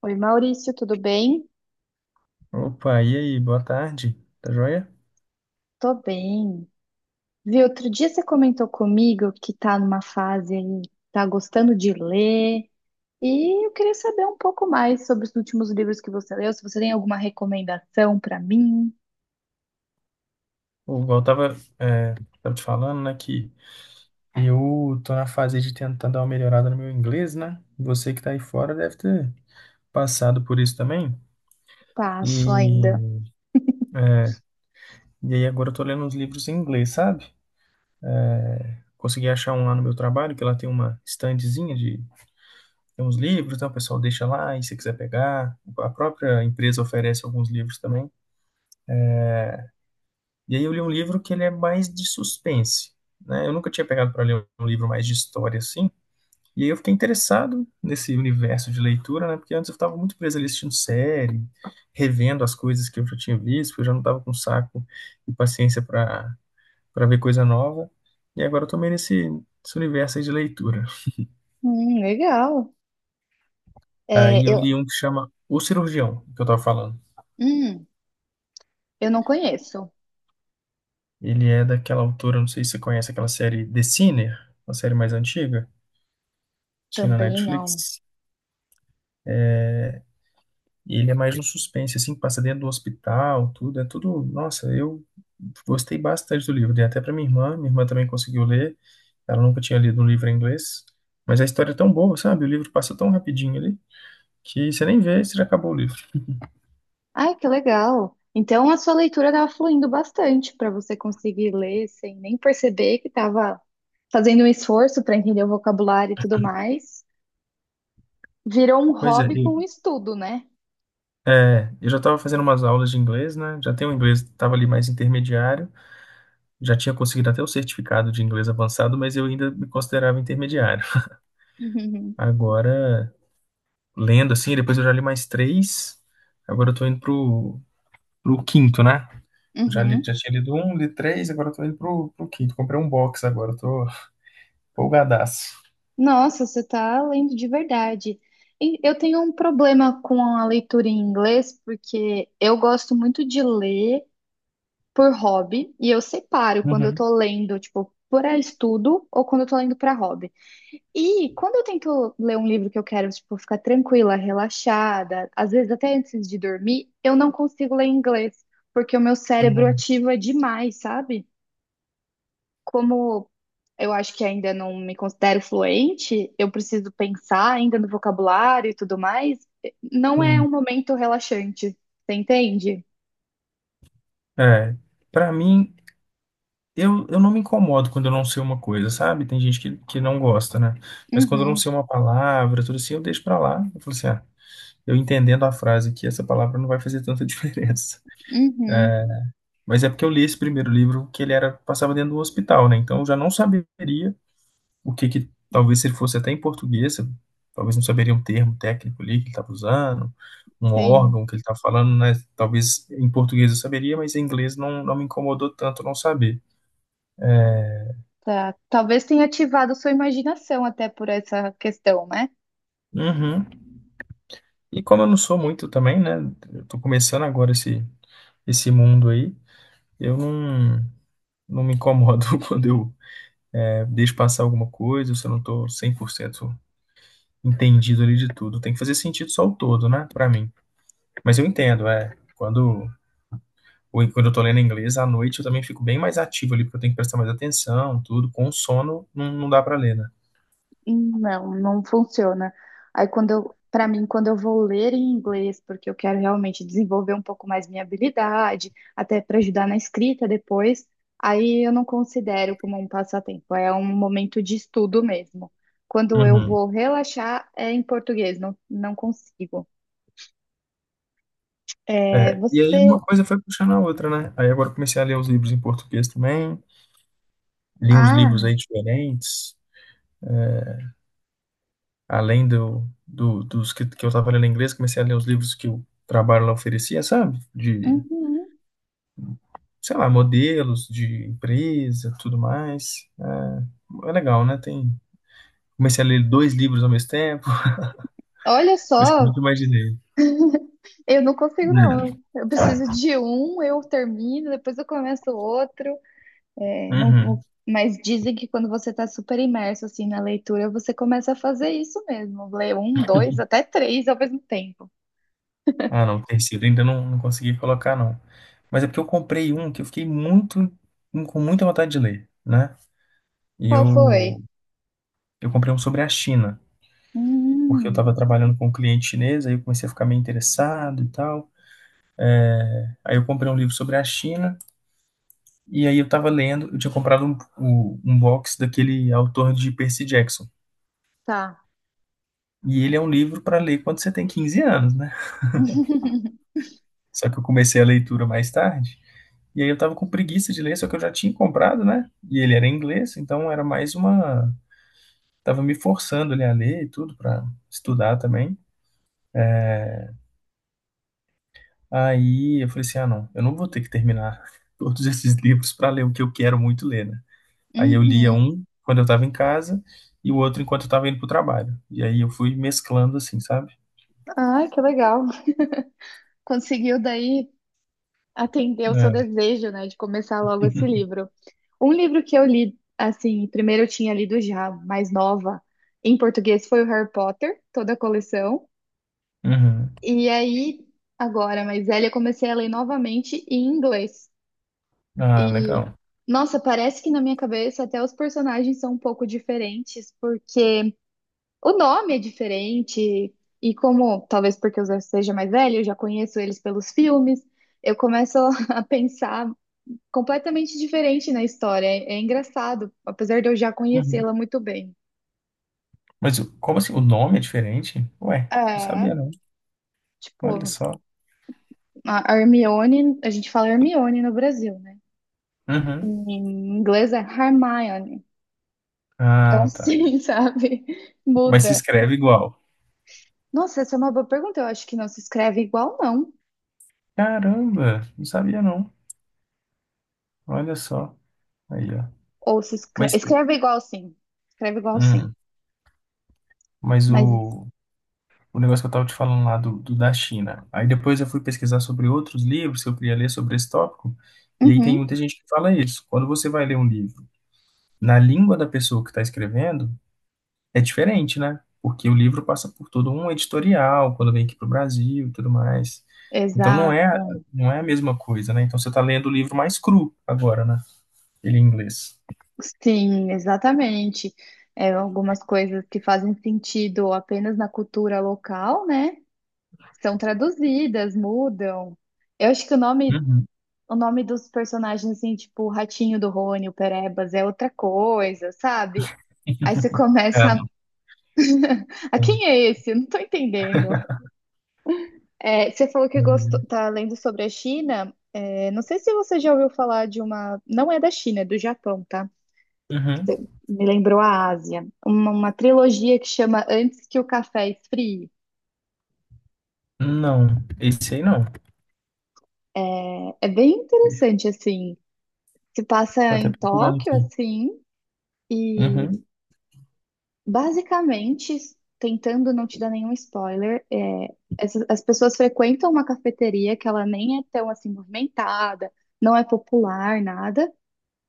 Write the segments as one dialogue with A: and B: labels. A: Oi, Maurício, tudo bem?
B: Opa, e aí, boa tarde, tá joia?
A: Tô bem. Viu, outro dia você comentou comigo que tá numa fase aí, tá gostando de ler, e eu queria saber um pouco mais sobre os últimos livros que você leu, se você tem alguma recomendação pra mim.
B: O igual eu tava, tava te falando, né, que eu tô na fase de tentar dar uma melhorada no meu inglês, né? Você que tá aí fora deve ter passado por isso também.
A: Passo ainda.
B: E, e aí agora eu tô lendo uns livros em inglês, sabe? Consegui achar um lá no meu trabalho, que lá tem uma estandezinha de tem uns livros, então o pessoal deixa lá, e se quiser pegar, a própria empresa oferece alguns livros também. E aí eu li um livro que ele é mais de suspense, né? Eu nunca tinha pegado para ler um livro mais de história assim. E aí eu fiquei interessado nesse universo de leitura, né? Porque antes eu estava muito preso ali assistindo série, revendo as coisas que eu já tinha visto, porque eu já não estava com saco e paciência para ver coisa nova. E agora eu tô meio nesse universo aí de leitura.
A: Legal. É,
B: Aí eu li
A: eu,
B: um que chama O Cirurgião, que eu tava falando.
A: hum, eu não conheço.
B: Ele é daquela autora, não sei se você conhece aquela série The Sinner, uma série mais antiga, tinha na
A: Também não.
B: Netflix. E ele é mais um suspense, assim, que passa dentro do hospital, tudo, é tudo. Nossa, eu gostei bastante do livro. Dei até para minha irmã também conseguiu ler. Ela nunca tinha lido um livro em inglês, mas a história é tão boa, sabe? O livro passa tão rapidinho ali que você nem vê, você já acabou o livro.
A: Ai, que legal. Então a sua leitura estava fluindo bastante para você conseguir ler sem nem perceber que estava fazendo um esforço para entender o vocabulário e tudo mais. Virou um
B: Pois é,
A: hobby
B: eu,
A: com o estudo, né?
B: é, eu já estava fazendo umas aulas de inglês, né? Já tenho um inglês, estava ali mais intermediário, já tinha conseguido até o certificado de inglês avançado, mas eu ainda me considerava intermediário.
A: Uhum.
B: Agora, lendo assim, depois eu já li mais três. Agora eu tô indo pro quinto, né? Eu Já,
A: Uhum.
B: já tinha lido um, li três, agora eu tô indo pro quinto. Comprei um box agora, eu tô empolgadaço.
A: Nossa, você está lendo de verdade. Eu tenho um problema com a leitura em inglês, porque eu gosto muito de ler por hobby, e eu separo quando eu
B: Uhum,
A: estou lendo, tipo, para estudo ou quando eu estou lendo para hobby. E quando eu tento ler um livro que eu quero, tipo, ficar tranquila, relaxada, às vezes até antes de dormir, eu não consigo ler em inglês, porque o meu cérebro
B: uhum,
A: ativa demais, sabe? Como eu acho que ainda não me considero fluente, eu preciso pensar ainda no vocabulário e tudo mais. Não é
B: sim.
A: um momento relaxante, você entende?
B: É, pra mim, eu não me incomodo quando eu não sei uma coisa, sabe? Tem gente que não gosta, né? Mas quando eu não
A: Uhum,
B: sei uma palavra, tudo assim, eu deixo pra lá. Eu falo assim, ah, eu entendendo a frase aqui, essa palavra não vai fazer tanta diferença.
A: uhum,
B: Mas é porque eu li esse primeiro livro que ele era passava dentro do hospital, né? Então eu já não saberia o que que talvez se ele fosse até em português, talvez não saberia um termo técnico ali que ele estava usando, um
A: sim.
B: órgão que ele estava falando, né? Talvez em português eu saberia, mas em inglês não, não me incomodou tanto não saber.
A: Tá. Talvez tenha ativado sua imaginação até por essa questão, né?
B: Uhum. E como eu não sou muito também, né? Eu tô começando agora esse mundo aí, eu não, não me incomodo quando eu deixo passar alguma coisa, se eu não tô 100% entendido ali de tudo. Tem que fazer sentido só o todo, né? Pra mim. Mas eu entendo, é. Quando eu tô lendo inglês, à noite eu também fico bem mais ativo ali, porque eu tenho que prestar mais atenção, tudo. Com sono, não dá pra ler, né?
A: Não, não funciona. Para mim, quando eu vou ler em inglês, porque eu quero realmente desenvolver um pouco mais minha habilidade, até para ajudar na escrita depois, aí eu não considero como um passatempo, é um momento de estudo mesmo. Quando eu
B: Uhum.
A: vou relaxar, é em português, não consigo. É,
B: É, e aí uma
A: você.
B: coisa foi puxando a outra, né? Aí agora eu comecei a ler os livros em português também, li uns livros
A: Ah,
B: aí diferentes, além dos que eu tava lendo em inglês, comecei a ler os livros que o trabalho lá oferecia, sabe? De,
A: uhum.
B: sei lá, modelos de empresa, tudo mais. É legal, né? Tem, comecei a ler dois livros ao mesmo tempo,
A: Olha
B: coisa que eu nunca
A: só,
B: imaginei.
A: eu não consigo,
B: Né?
A: não. Eu preciso de um, eu termino, depois eu começo outro. É, não,
B: Uhum.
A: não- mas dizem que quando você está super imerso assim na leitura, você começa a fazer isso mesmo, ler um, dois, até três ao mesmo tempo.
B: Ah, não, tecido ainda não, não consegui colocar, não. Mas é porque eu comprei um que eu fiquei muito, com muita vontade de ler, né? E
A: Qual foi?
B: eu, eu comprei um sobre a China, porque eu estava
A: Hum,
B: trabalhando com um cliente chinês, aí eu comecei a ficar meio interessado e tal. Aí eu comprei um livro sobre a China, e aí eu estava lendo, eu tinha comprado um, o- um box daquele autor de Percy Jackson.
A: tá.
B: E ele é um livro para ler quando você tem 15 anos, né? Só que eu comecei a leitura mais tarde. E aí eu tava com preguiça de ler, só que eu já tinha comprado, né? E ele era em inglês, então era mais uma. Tava me forçando ali a ler e tudo pra estudar também. Aí eu falei assim: ah, não, eu não vou ter que terminar todos esses livros pra ler o que eu quero muito ler, né? Aí eu lia
A: Uhum.
B: um quando eu tava em casa e o outro enquanto eu tava indo pro trabalho. E aí eu fui mesclando assim, sabe?
A: Ai, que legal. Conseguiu daí atender o seu
B: É.
A: desejo, né, de começar logo esse livro. Um livro que eu li, assim, primeiro eu tinha lido já, mais nova, em português, foi o Harry Potter, toda a coleção.
B: Uhum.
A: E aí, agora mais velha, eu comecei a ler novamente em inglês.
B: Ah,
A: E,
B: legal.
A: nossa, parece que na minha cabeça até os personagens são um pouco diferentes, porque o nome é diferente, e como, talvez porque eu já seja mais velha, eu já conheço eles pelos filmes, eu começo a pensar completamente diferente na história. É, é engraçado, apesar de eu já
B: Uhum.
A: conhecê-la muito bem.
B: Mas como assim? O nome é diferente? Ué, não
A: É,
B: sabia não. Olha
A: tipo,
B: só.
A: a Hermione, a gente fala Hermione no Brasil, né?
B: Uhum.
A: Em inglês é Hermione. Então,
B: Ah, tá.
A: assim, sabe?
B: Mas se
A: Muda.
B: escreve igual.
A: Nossa, essa é uma boa pergunta. Eu acho que não se escreve igual, não.
B: Caramba, não sabia não. Olha só. Aí, ó.
A: Ou se escreve,
B: Mas,
A: escreve igual, sim. Escreve igual, sim.
B: hum, mas
A: Mas,
B: o, o negócio que eu tava te falando lá do, do da China. Aí depois eu fui pesquisar sobre outros livros que eu queria ler sobre esse tópico. E aí tem
A: uhum,
B: muita gente que fala isso. Quando você vai ler um livro na língua da pessoa que está escrevendo, é diferente, né? Porque o livro passa por todo um editorial, quando vem aqui para o Brasil e tudo mais. Então não é,
A: exato.
B: não é a mesma coisa, né? Então você está lendo o livro mais cru agora, né? Ele em inglês.
A: Sim, exatamente. É, algumas coisas que fazem sentido apenas na cultura local, né? São traduzidas, mudam. Eu acho que
B: Uhum.
A: o nome dos personagens, assim, tipo, o Ratinho do Rony, o Perebas, é outra coisa, sabe? Aí você começa.
B: Ah,
A: A "Ah,
B: não.
A: quem é esse? Eu não tô entendendo. É, você falou que gostou, tá lendo sobre a China. É, não sei se você já ouviu falar de uma. Não é da China, é do Japão, tá?
B: Uhum.
A: Você me lembrou a Ásia. Uma trilogia que chama Antes que o Café Esfrie.
B: Não, esse aí não.
A: É, é bem interessante, assim. Se
B: Vou
A: passa
B: até
A: em
B: procurando
A: Tóquio,
B: aqui.
A: assim, e
B: Uhum.
A: basicamente, tentando não te dar nenhum spoiler, é, essas- as pessoas frequentam uma cafeteria que ela nem é tão assim movimentada, não é popular, nada,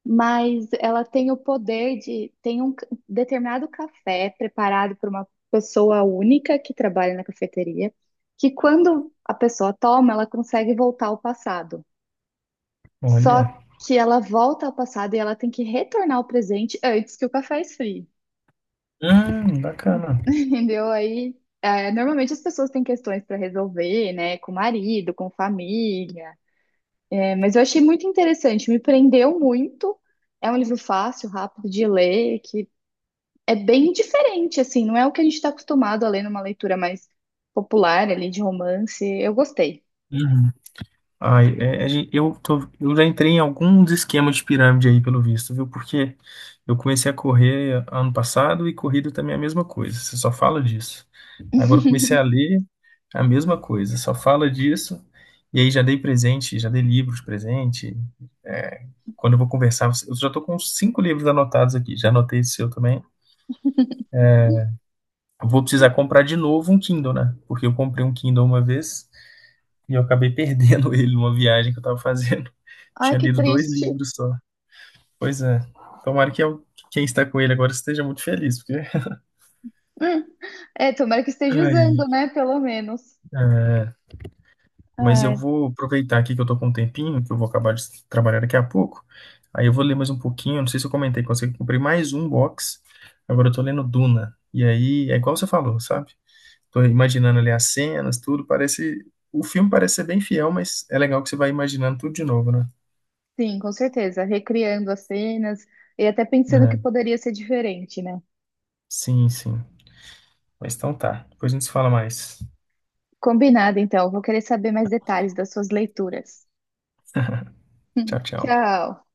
A: mas ela tem o poder de, tem um c- determinado café preparado por uma pessoa única que trabalha na cafeteria, que quando a pessoa toma, ela consegue voltar ao passado. Só
B: Olha.
A: que ela volta ao passado e ela tem que retornar ao presente antes que o café esfrie.
B: Bacana.
A: Entendeu? Aí, é, normalmente as pessoas têm questões para resolver, né? Com o marido, com família. É, mas eu achei muito interessante, me prendeu muito. É um livro fácil, rápido de ler, que é bem diferente, assim, não é o que a gente está acostumado a ler numa leitura mais popular ali de romance. Eu gostei.
B: Uhum. Ai, eu tô, eu já entrei em alguns esquemas de pirâmide aí, pelo visto, viu? Porque eu comecei a correr ano passado e corrida também é a mesma coisa, você só fala disso. Agora eu comecei a ler é a mesma coisa, só fala disso. E aí já dei presente, já dei livros de presente. É, quando eu vou conversar, eu já tô com uns cinco livros anotados aqui, já anotei esse seu também. Vou precisar comprar de novo um Kindle, né? Porque eu comprei um Kindle uma vez. E eu acabei perdendo ele numa viagem que eu tava fazendo.
A: Ai,
B: Tinha
A: que
B: lido dois
A: triste.
B: livros só. Pois é. Tomara que quem está com ele agora esteja muito feliz, porque.
A: Hum. É, tomara que esteja
B: Ai,
A: usando, né? Pelo menos.
B: é, mas eu
A: Ai,
B: vou aproveitar aqui que eu tô com um tempinho, que eu vou acabar de trabalhar daqui a pouco. Aí eu vou ler mais um pouquinho. Não sei se eu comentei com você que eu comprei mais um box. Agora eu tô lendo Duna. E aí é igual você falou, sabe? Tô imaginando ali as cenas, tudo. Parece. O filme parece ser bem fiel, mas é legal que você vai imaginando tudo de novo, né?
A: sim, com certeza. Recriando as cenas e até pensando
B: É,
A: que poderia ser diferente, né?
B: sim, sim. Mas então tá. Depois a gente se fala mais.
A: Combinado, então. Vou querer saber mais detalhes das suas leituras.
B: Tchau, tchau.
A: Tchau.